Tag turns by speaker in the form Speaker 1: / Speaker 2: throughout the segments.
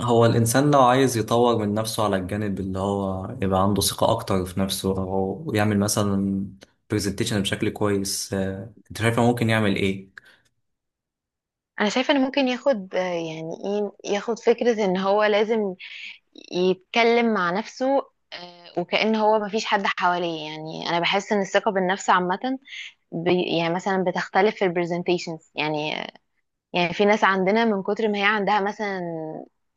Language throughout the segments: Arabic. Speaker 1: هو الإنسان لو عايز يطور من نفسه على الجانب اللي هو يبقى عنده ثقة أكتر في نفسه، أو يعمل مثلا برزنتيشن بشكل كويس، أنت شايف هو ممكن يعمل إيه؟
Speaker 2: انا شايفه ان ممكن ياخد يعني ايه، ياخد فكره ان هو لازم يتكلم مع نفسه. وكأن هو مفيش حد حواليه، يعني انا بحس ان الثقه بالنفس عامه، يعني مثلا بتختلف في البرزنتيشنز، يعني يعني في ناس عندنا من كتر ما هي عندها مثلا،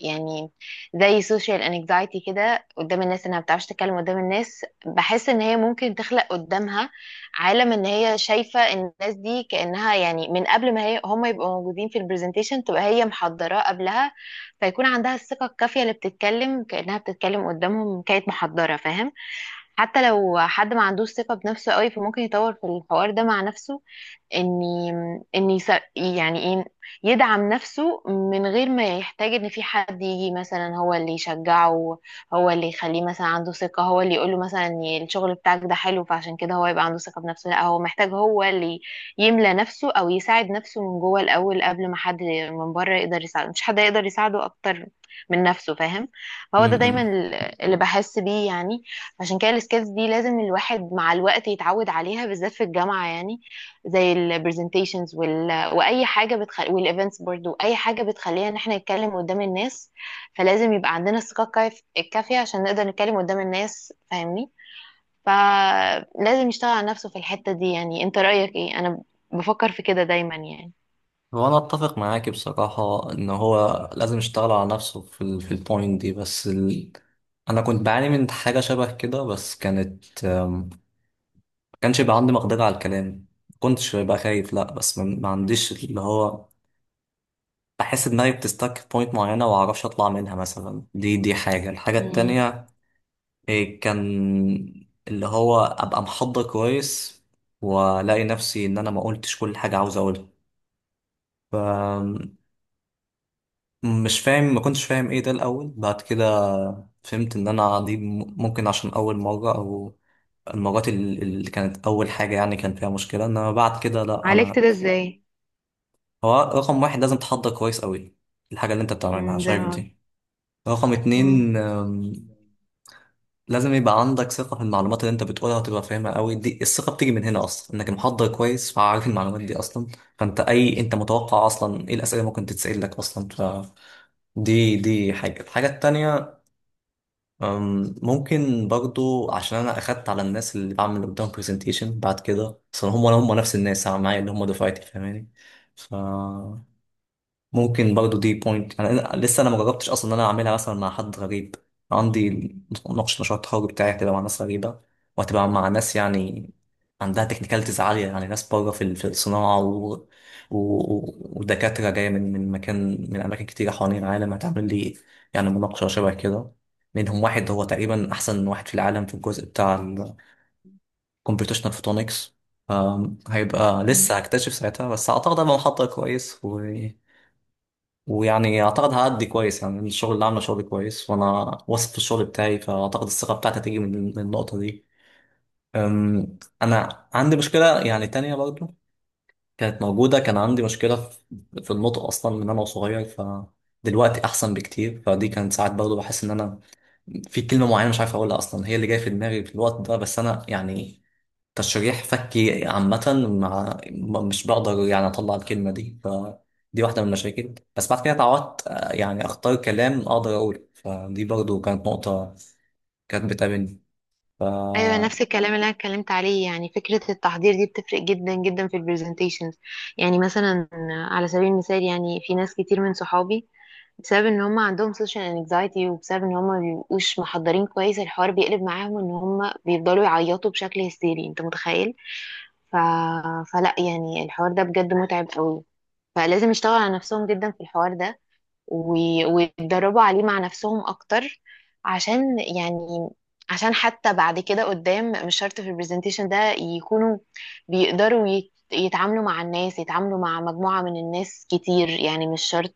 Speaker 2: يعني زي social anxiety كده قدام الناس، انها بتعرفش تتكلم قدام الناس، بحس ان هي ممكن تخلق قدامها عالم ان هي شايفة الناس دي كأنها، يعني من قبل ما هم يبقوا موجودين في البرزنتيشن، تبقى هي محضراه قبلها، فيكون عندها الثقة الكافية اللي بتتكلم كأنها بتتكلم قدامهم كانت محضرة، فاهم. حتى لو حد ما عندوش ثقة بنفسه قوي، فممكن يطور في الحوار ده مع نفسه، ان ان يعني ايه يدعم نفسه من غير ما يحتاج ان في حد يجي مثلا هو اللي يشجعه، هو اللي يخليه مثلا عنده ثقة، هو اللي يقوله مثلا إن الشغل بتاعك ده حلو، فعشان كده هو يبقى عنده ثقة بنفسه. لا، هو محتاج هو اللي يملى نفسه او يساعد نفسه من جوه الاول قبل ما حد من بره يقدر يساعده. مش حد يقدر يساعده اكتر من نفسه، فاهم. فهو ده
Speaker 1: امم.
Speaker 2: دايما اللي بحس بيه، يعني عشان كده السكيلز دي لازم الواحد مع الوقت يتعود عليها بالذات في الجامعة، يعني زي البرزنتيشنز والايفنتس برضو، اي حاجه بتخلينا ان احنا نتكلم قدام الناس، فلازم يبقى عندنا الثقه الكافيه عشان نقدر نتكلم قدام الناس، فاهمني. فلازم يشتغل على نفسه في الحته دي، يعني. انت رايك ايه؟ انا بفكر في كده دايما، يعني.
Speaker 1: هو أنا أتفق معاك بصراحة إن هو لازم يشتغل على نفسه في البوينت دي، بس أنا كنت بعاني من حاجة شبه كده، بس كانت ما كانش يبقى عندي مقدرة على الكلام. ما كنتش ببقى خايف لأ، بس ما عنديش اللي هو، بحس دماغي بتستك في بوينت معينة ومعرفش أطلع منها مثلا. دي حاجة. الحاجة
Speaker 2: مم.
Speaker 1: التانية إيه، كان اللي هو أبقى محضر كويس وألاقي نفسي إن أنا ما قلتش كل حاجة عاوز أقولها. ف- مش فاهم ما كنتش فاهم إيه ده الأول. بعد كده فهمت إن أنا دي ممكن عشان أول مرة، أو المرات اللي كانت أول حاجة يعني كان فيها مشكلة، إنما بعد كده لأ
Speaker 2: عالجت
Speaker 1: أنا.
Speaker 2: ده ازاي؟
Speaker 1: هو رقم واحد لازم تحضر كويس أوي الحاجة اللي أنت بتعملها،
Speaker 2: مم، زي
Speaker 1: شايف
Speaker 2: ما قلت.
Speaker 1: دي. رقم اتنين لازم يبقى عندك ثقة في المعلومات اللي انت بتقولها وتبقى فاهمها قوي، دي الثقة بتيجي من هنا اصلا، انك محضر كويس فعارف المعلومات دي اصلا. فانت اي انت متوقع اصلا ايه الاسئلة اللي ممكن تتسأل لك اصلا. ف دي حاجة. الحاجة التانية، ممكن برضو عشان أنا أخدت على الناس اللي بعمل قدام برزنتيشن بعد كده، أصلا هم نفس الناس معايا اللي هم دفعتي، فاهماني. ف ممكن برضو دي بوينت. يعني أنا لسه ما جربتش اصلا ان انا اعملها مثلا مع حد غريب. عندي مناقشه مشروع التخرج بتاعي هتبقى مع ناس غريبه، وهتبقى مع ناس يعني عندها تكنيكاليتيز عاليه، يعني ناس بره في الصناعه ودكاتره جايه من مكان من اماكن كتيره حوالين العالم، هتعمل لي يعني مناقشه شبه كده. منهم واحد هو تقريبا احسن واحد في العالم في الجزء بتاع الكمبيوتيشنال فوتونكس. هيبقى
Speaker 2: مم.
Speaker 1: لسه هكتشف ساعتها، بس اعتقد هبقى محضر كويس و ويعني اعتقد هأدي كويس. يعني الشغل اللي عامله شغل كويس وانا واثق في الشغل بتاعي، فاعتقد الثقه بتاعتي هتيجي من النقطه دي. انا عندي مشكله يعني تانية برضه، كانت موجوده. كان عندي مشكله في النطق اصلا من انا صغير. ف دلوقتي احسن بكتير، فدي كانت ساعات برضه بحس ان انا في كلمه معينه مش عارف اقولها اصلا هي اللي جايه في دماغي في الوقت ده، بس انا يعني تشريح فكي عامة مع مش بقدر يعني أطلع الكلمة دي. فدي واحدة من المشاكل. بس بعد كده اتعودت، يعني أختار كلام أقدر أقوله، فدي برضو كانت نقطة كانت بتقابلني. ف
Speaker 2: ايوه، نفس الكلام اللي انا اتكلمت عليه، يعني فكره التحضير دي بتفرق جدا جدا في البرزنتيشنز. يعني مثلا على سبيل المثال، يعني في ناس كتير من صحابي بسبب ان هم عندهم سوشيال انكزايتي، وبسبب ان هم ما بيبقوش محضرين كويس، الحوار بيقلب معاهم ان هم بيفضلوا يعيطوا بشكل هستيري، انت متخيل. ف... فلا، يعني الحوار ده بجد متعب قوي، فلازم يشتغل على نفسهم جدا في الحوار ده ويتدربوا عليه مع نفسهم اكتر، يعني عشان حتى بعد كده قدام، مش شرط في البرزنتيشن ده يكونوا بيقدروا يتعاملوا مع الناس، يتعاملوا مع مجموعة من الناس كتير، يعني مش شرط،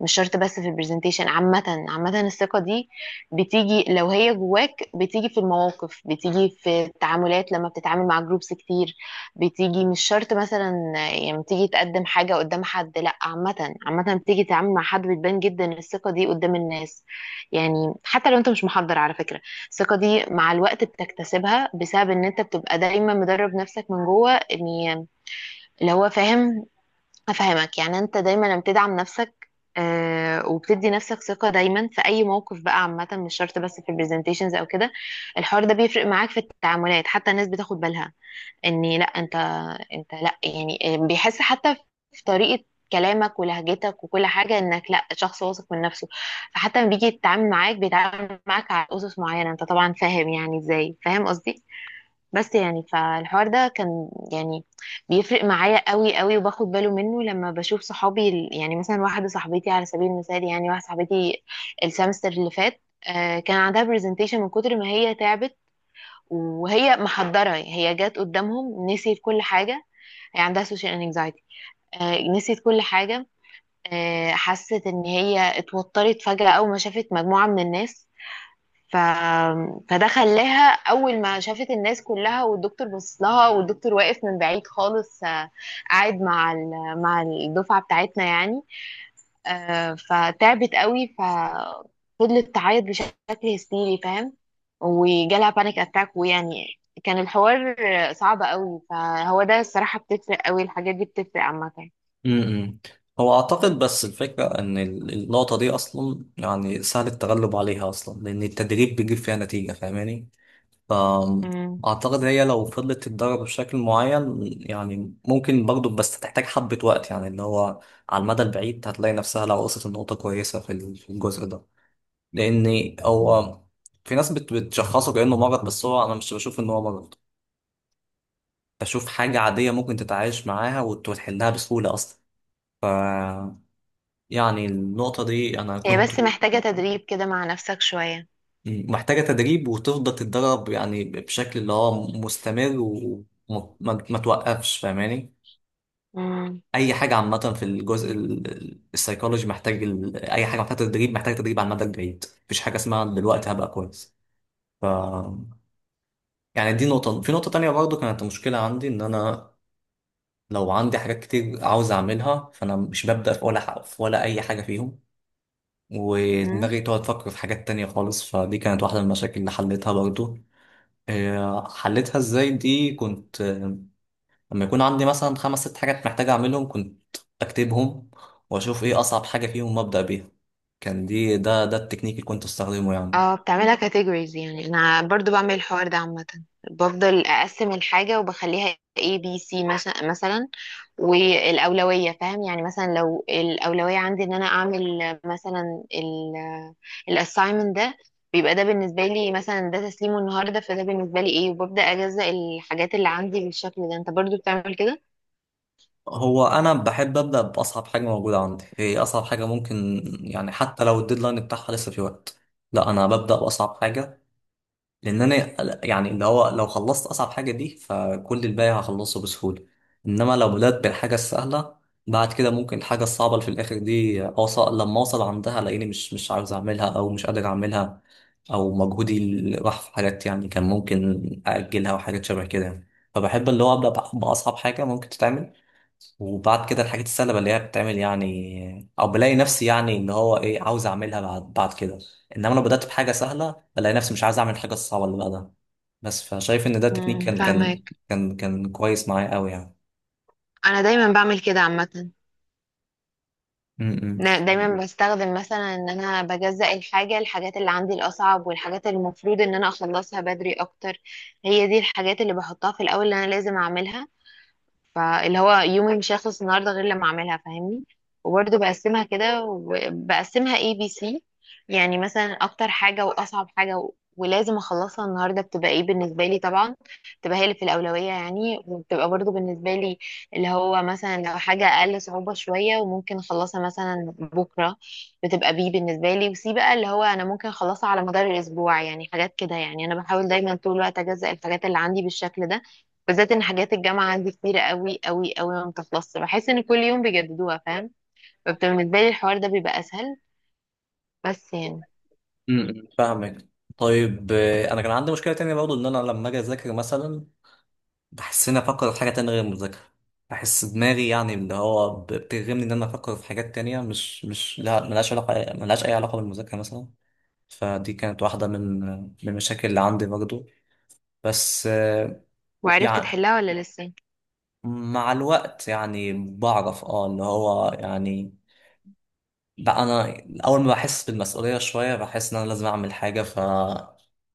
Speaker 2: مش شرط بس في البرزنتيشن. عامة عامة الثقة دي بتيجي لو هي جواك، بتيجي في المواقف، بتيجي في التعاملات لما بتتعامل مع جروبس كتير، بتيجي مش شرط مثلا. يعني بتيجي تقدم حاجة قدام حد، لا عامة عامة بتيجي تتعامل مع حد بتبان جدا الثقة دي قدام الناس. يعني حتى لو انت مش محضر على فكرة، الثقة دي مع الوقت بتكتسبها بسبب ان انت بتبقى دايما مدرب نفسك من جوه، ان اللي هو فاهم افهمك. يعني انت دايما لما بتدعم نفسك وبتدي نفسك ثقة دايما في أي موقف بقى، عامة مش شرط بس في البرزنتيشنز أو كده، الحوار ده بيفرق معاك في التعاملات، حتى الناس بتاخد بالها ان لا، انت لا، يعني بيحس حتى في طريقة كلامك ولهجتك وكل حاجة انك لا، شخص واثق من نفسه. فحتى لما بيجي يتعامل معاك بيتعامل معاك على اسس معينة، انت طبعا فاهم يعني ازاي، فاهم قصدي. بس يعني فالحوار ده كان، يعني بيفرق معايا قوي قوي، وباخد باله منه لما بشوف صحابي يعني مثلا واحدة صاحبتي على سبيل المثال، يعني واحدة صاحبتي السمستر اللي فات كان عندها برزنتيشن، من كتر ما هي تعبت وهي محضرة، هي جات قدامهم نسيت كل حاجة. هي عندها سوشيال انكزايتي، نسيت كل حاجة. حست ان هي اتوترت فجأة اول ما شافت مجموعة من الناس. ف... فده خلاها، اول ما شافت الناس كلها والدكتور بص لها، والدكتور واقف من بعيد خالص قاعد مع مع الدفعة بتاعتنا، يعني فتعبت قوي، ففضلت تعيط بشكل هستيري فاهم، وجالها بانيك اتاك، ويعني كان الحوار صعب قوي. فهو ده الصراحة، بتفرق قوي الحاجات دي، بتفرق عامة.
Speaker 1: م-م. هو أعتقد بس الفكرة إن النقطة دي أصلا يعني سهل التغلب عليها أصلا، لأن التدريب بيجيب فيها نتيجة، فاهماني.
Speaker 2: مم.
Speaker 1: فأعتقد هي لو فضلت تتدرب بشكل معين، يعني ممكن برضو بس تحتاج حبة وقت يعني اللي هو على المدى البعيد هتلاقي نفسها لو وصلت لنقطة كويسة في في الجزء ده، لأن
Speaker 2: مم.
Speaker 1: هو في ناس بتشخصه كأنه مرض، بس هو أنا مش بشوف إن هو مرض. بشوف حاجة عادية ممكن تتعايش معاها وتحلها بسهولة أصلا. ف يعني النقطة دي أنا
Speaker 2: هي
Speaker 1: كنت
Speaker 2: بس محتاجة تدريب كده مع نفسك شوية.
Speaker 1: محتاجة تدريب وتفضل تتدرب، يعني بشكل اللي هو مستمر وما ما ما توقفش، فاهماني.
Speaker 2: مم.
Speaker 1: اي حاجه عامه في الجزء السيكولوجي محتاج اي حاجه محتاجه تدريب، محتاجه تدريب على المدى البعيد. مفيش حاجه اسمها دلوقتي هبقى كويس. ف يعني دي نقطه. في نقطه تانية برضو كانت مشكله عندي ان انا لو عندي حاجات كتير عاوز اعملها فانا مش ببدا في ولا حق في ولا اي حاجه فيهم،
Speaker 2: مم.
Speaker 1: ودماغي تقعد تفكر في حاجات تانية خالص. فدي كانت واحده من المشاكل اللي حليتها برضو. حليتها ازاي، دي كنت لما يكون عندي مثلا خمس ست حاجات محتاج اعملهم، كنت اكتبهم واشوف ايه اصعب حاجة فيهم وابدأ بيها. كان دي ده ده التكنيك اللي كنت استخدمه يعني.
Speaker 2: اه، بتعملها كاتيجوريز، يعني انا برضو بعمل الحوار ده عامة، بفضل اقسم الحاجة وبخليها A B C مثلا، والأولوية فاهم، يعني مثلا لو الأولوية عندي ان انا اعمل مثلا الاساينمنت ده، بيبقى ده بالنسبة لي مثلا ده تسليمه النهاردة، فده بالنسبة لي ايه، وببدأ اجزأ الحاجات اللي عندي بالشكل ده. انت برضو بتعمل كده؟
Speaker 1: هو انا بحب ابدأ باصعب حاجة موجودة عندي، هي اصعب حاجة ممكن يعني حتى لو الديدلاين بتاعها لسه في وقت، لا انا ببدأ باصعب حاجة. لان انا يعني اللي هو لو خلصت اصعب حاجه دي فكل الباقي هخلصه بسهوله، انما لو بدات بالحاجه السهله بعد كده ممكن الحاجه الصعبه اللي في الاخر دي اوصل لما اوصل عندها الاقيني مش عاوز اعملها او مش قادر اعملها، او مجهودي اللي راح في حاجات يعني كان ممكن اجلها وحاجات شبه كده يعني. فبحب اللي هو ابدا باصعب حاجه ممكن تتعمل، وبعد كده الحاجات السهلة اللي هي بتتعمل يعني، او بلاقي نفسي يعني اللي هو ايه عاوز اعملها بعد بعد كده. انما لو بدأت بحاجة سهلة بلاقي نفسي مش عايز اعمل الحاجة الصعبة اللي بعدها بس. فشايف ان ده تكنيك
Speaker 2: امم
Speaker 1: كان كويس معايا قوي يعني.
Speaker 2: انا دايما بعمل كده عامه.
Speaker 1: م- م.
Speaker 2: أنا دايما بستخدم مثلا ان انا بجزأ الحاجات اللي عندي الاصعب، والحاجات اللي المفروض ان انا اخلصها بدري اكتر، هي دي الحاجات اللي بحطها في الاول، اللي انا لازم اعملها. فاللي هو يومي مش هيخلص النهارده غير لما اعملها، فاهمني. وبرده بقسمها كده، وبقسمها ABC. يعني مثلا اكتر حاجه واصعب حاجه ولازم اخلصها النهارده، بتبقى ايه بالنسبه لي طبعا، بتبقى هي اللي في الاولويه، يعني. وبتبقى برضو بالنسبه لي اللي هو مثلا لو حاجه اقل صعوبه شويه وممكن اخلصها مثلا بكره، بتبقى بي بالنسبه لي. وسي بقى اللي هو انا ممكن اخلصها على مدار الاسبوع، يعني حاجات كده. يعني انا بحاول دايما طول الوقت اجزأ الحاجات اللي عندي بالشكل ده، بالذات ان حاجات الجامعه عندي كتيره قوي قوي قوي، ما بتخلصش، بحس ان كل يوم بيجددوها فاهم. فبتبقى بالنسبه لي الحوار ده بيبقى اسهل، بس يعني.
Speaker 1: امم، فاهمك. طيب، انا كان عندي مشكله تانية برضو، ان انا لما اجي اذاكر مثلا بحس اني افكر في حاجه تانية غير المذاكره. بحس دماغي يعني اللي هو بترغمني ان انا افكر في حاجات تانية مش لا، ملهاش علاقه، ملهاش اي علاقه بالمذاكره مثلا. فدي كانت واحدة من المشاكل اللي عندي برضو. بس
Speaker 2: وعرفت
Speaker 1: يعني
Speaker 2: تحلها ولا لسه؟
Speaker 1: مع الوقت يعني بعرف اللي هو يعني بقى انا اول ما بحس بالمسؤولية شوية بحس ان انا لازم اعمل حاجة. ف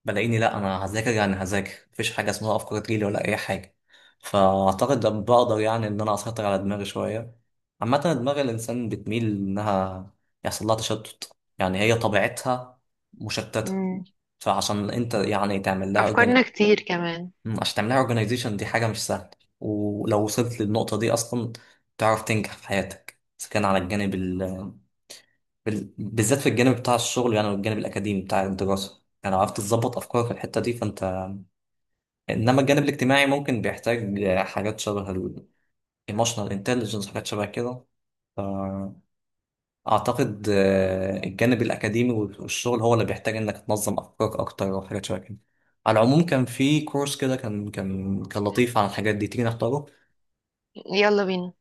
Speaker 1: بلاقيني لا، انا هذاكر، يعني هذاكر مفيش حاجة اسمها افكار تجيلي ولا اي حاجة. فاعتقد ده بقدر يعني ان انا اسيطر على دماغي شوية. عامة دماغ الانسان بتميل انها يحصل لها تشتت، يعني هي طبيعتها مشتتة.
Speaker 2: امم.
Speaker 1: فعشان انت يعني تعمل لها،
Speaker 2: افكارنا كتير كمان.
Speaker 1: مم، عشان تعملها اورجانيزيشن دي حاجة مش سهلة. ولو وصلت للنقطة دي أصلا تعرف تنجح في حياتك، إذا كان على الجانب بالذات في الجانب بتاع الشغل، يعني والجانب الأكاديمي بتاع الدراسة، يعني لو عرفت تظبط أفكارك في الحتة دي فأنت. إنما الجانب الاجتماعي ممكن بيحتاج حاجات شبه ال emotional intelligence، حاجات شبه كده. فأعتقد الجانب الأكاديمي والشغل هو اللي بيحتاج إنك تنظم أفكارك أكتر وحاجات شبه كده. على العموم كان في كورس كده كان لطيف عن الحاجات دي، تيجي نختاره؟
Speaker 2: يلا بينا.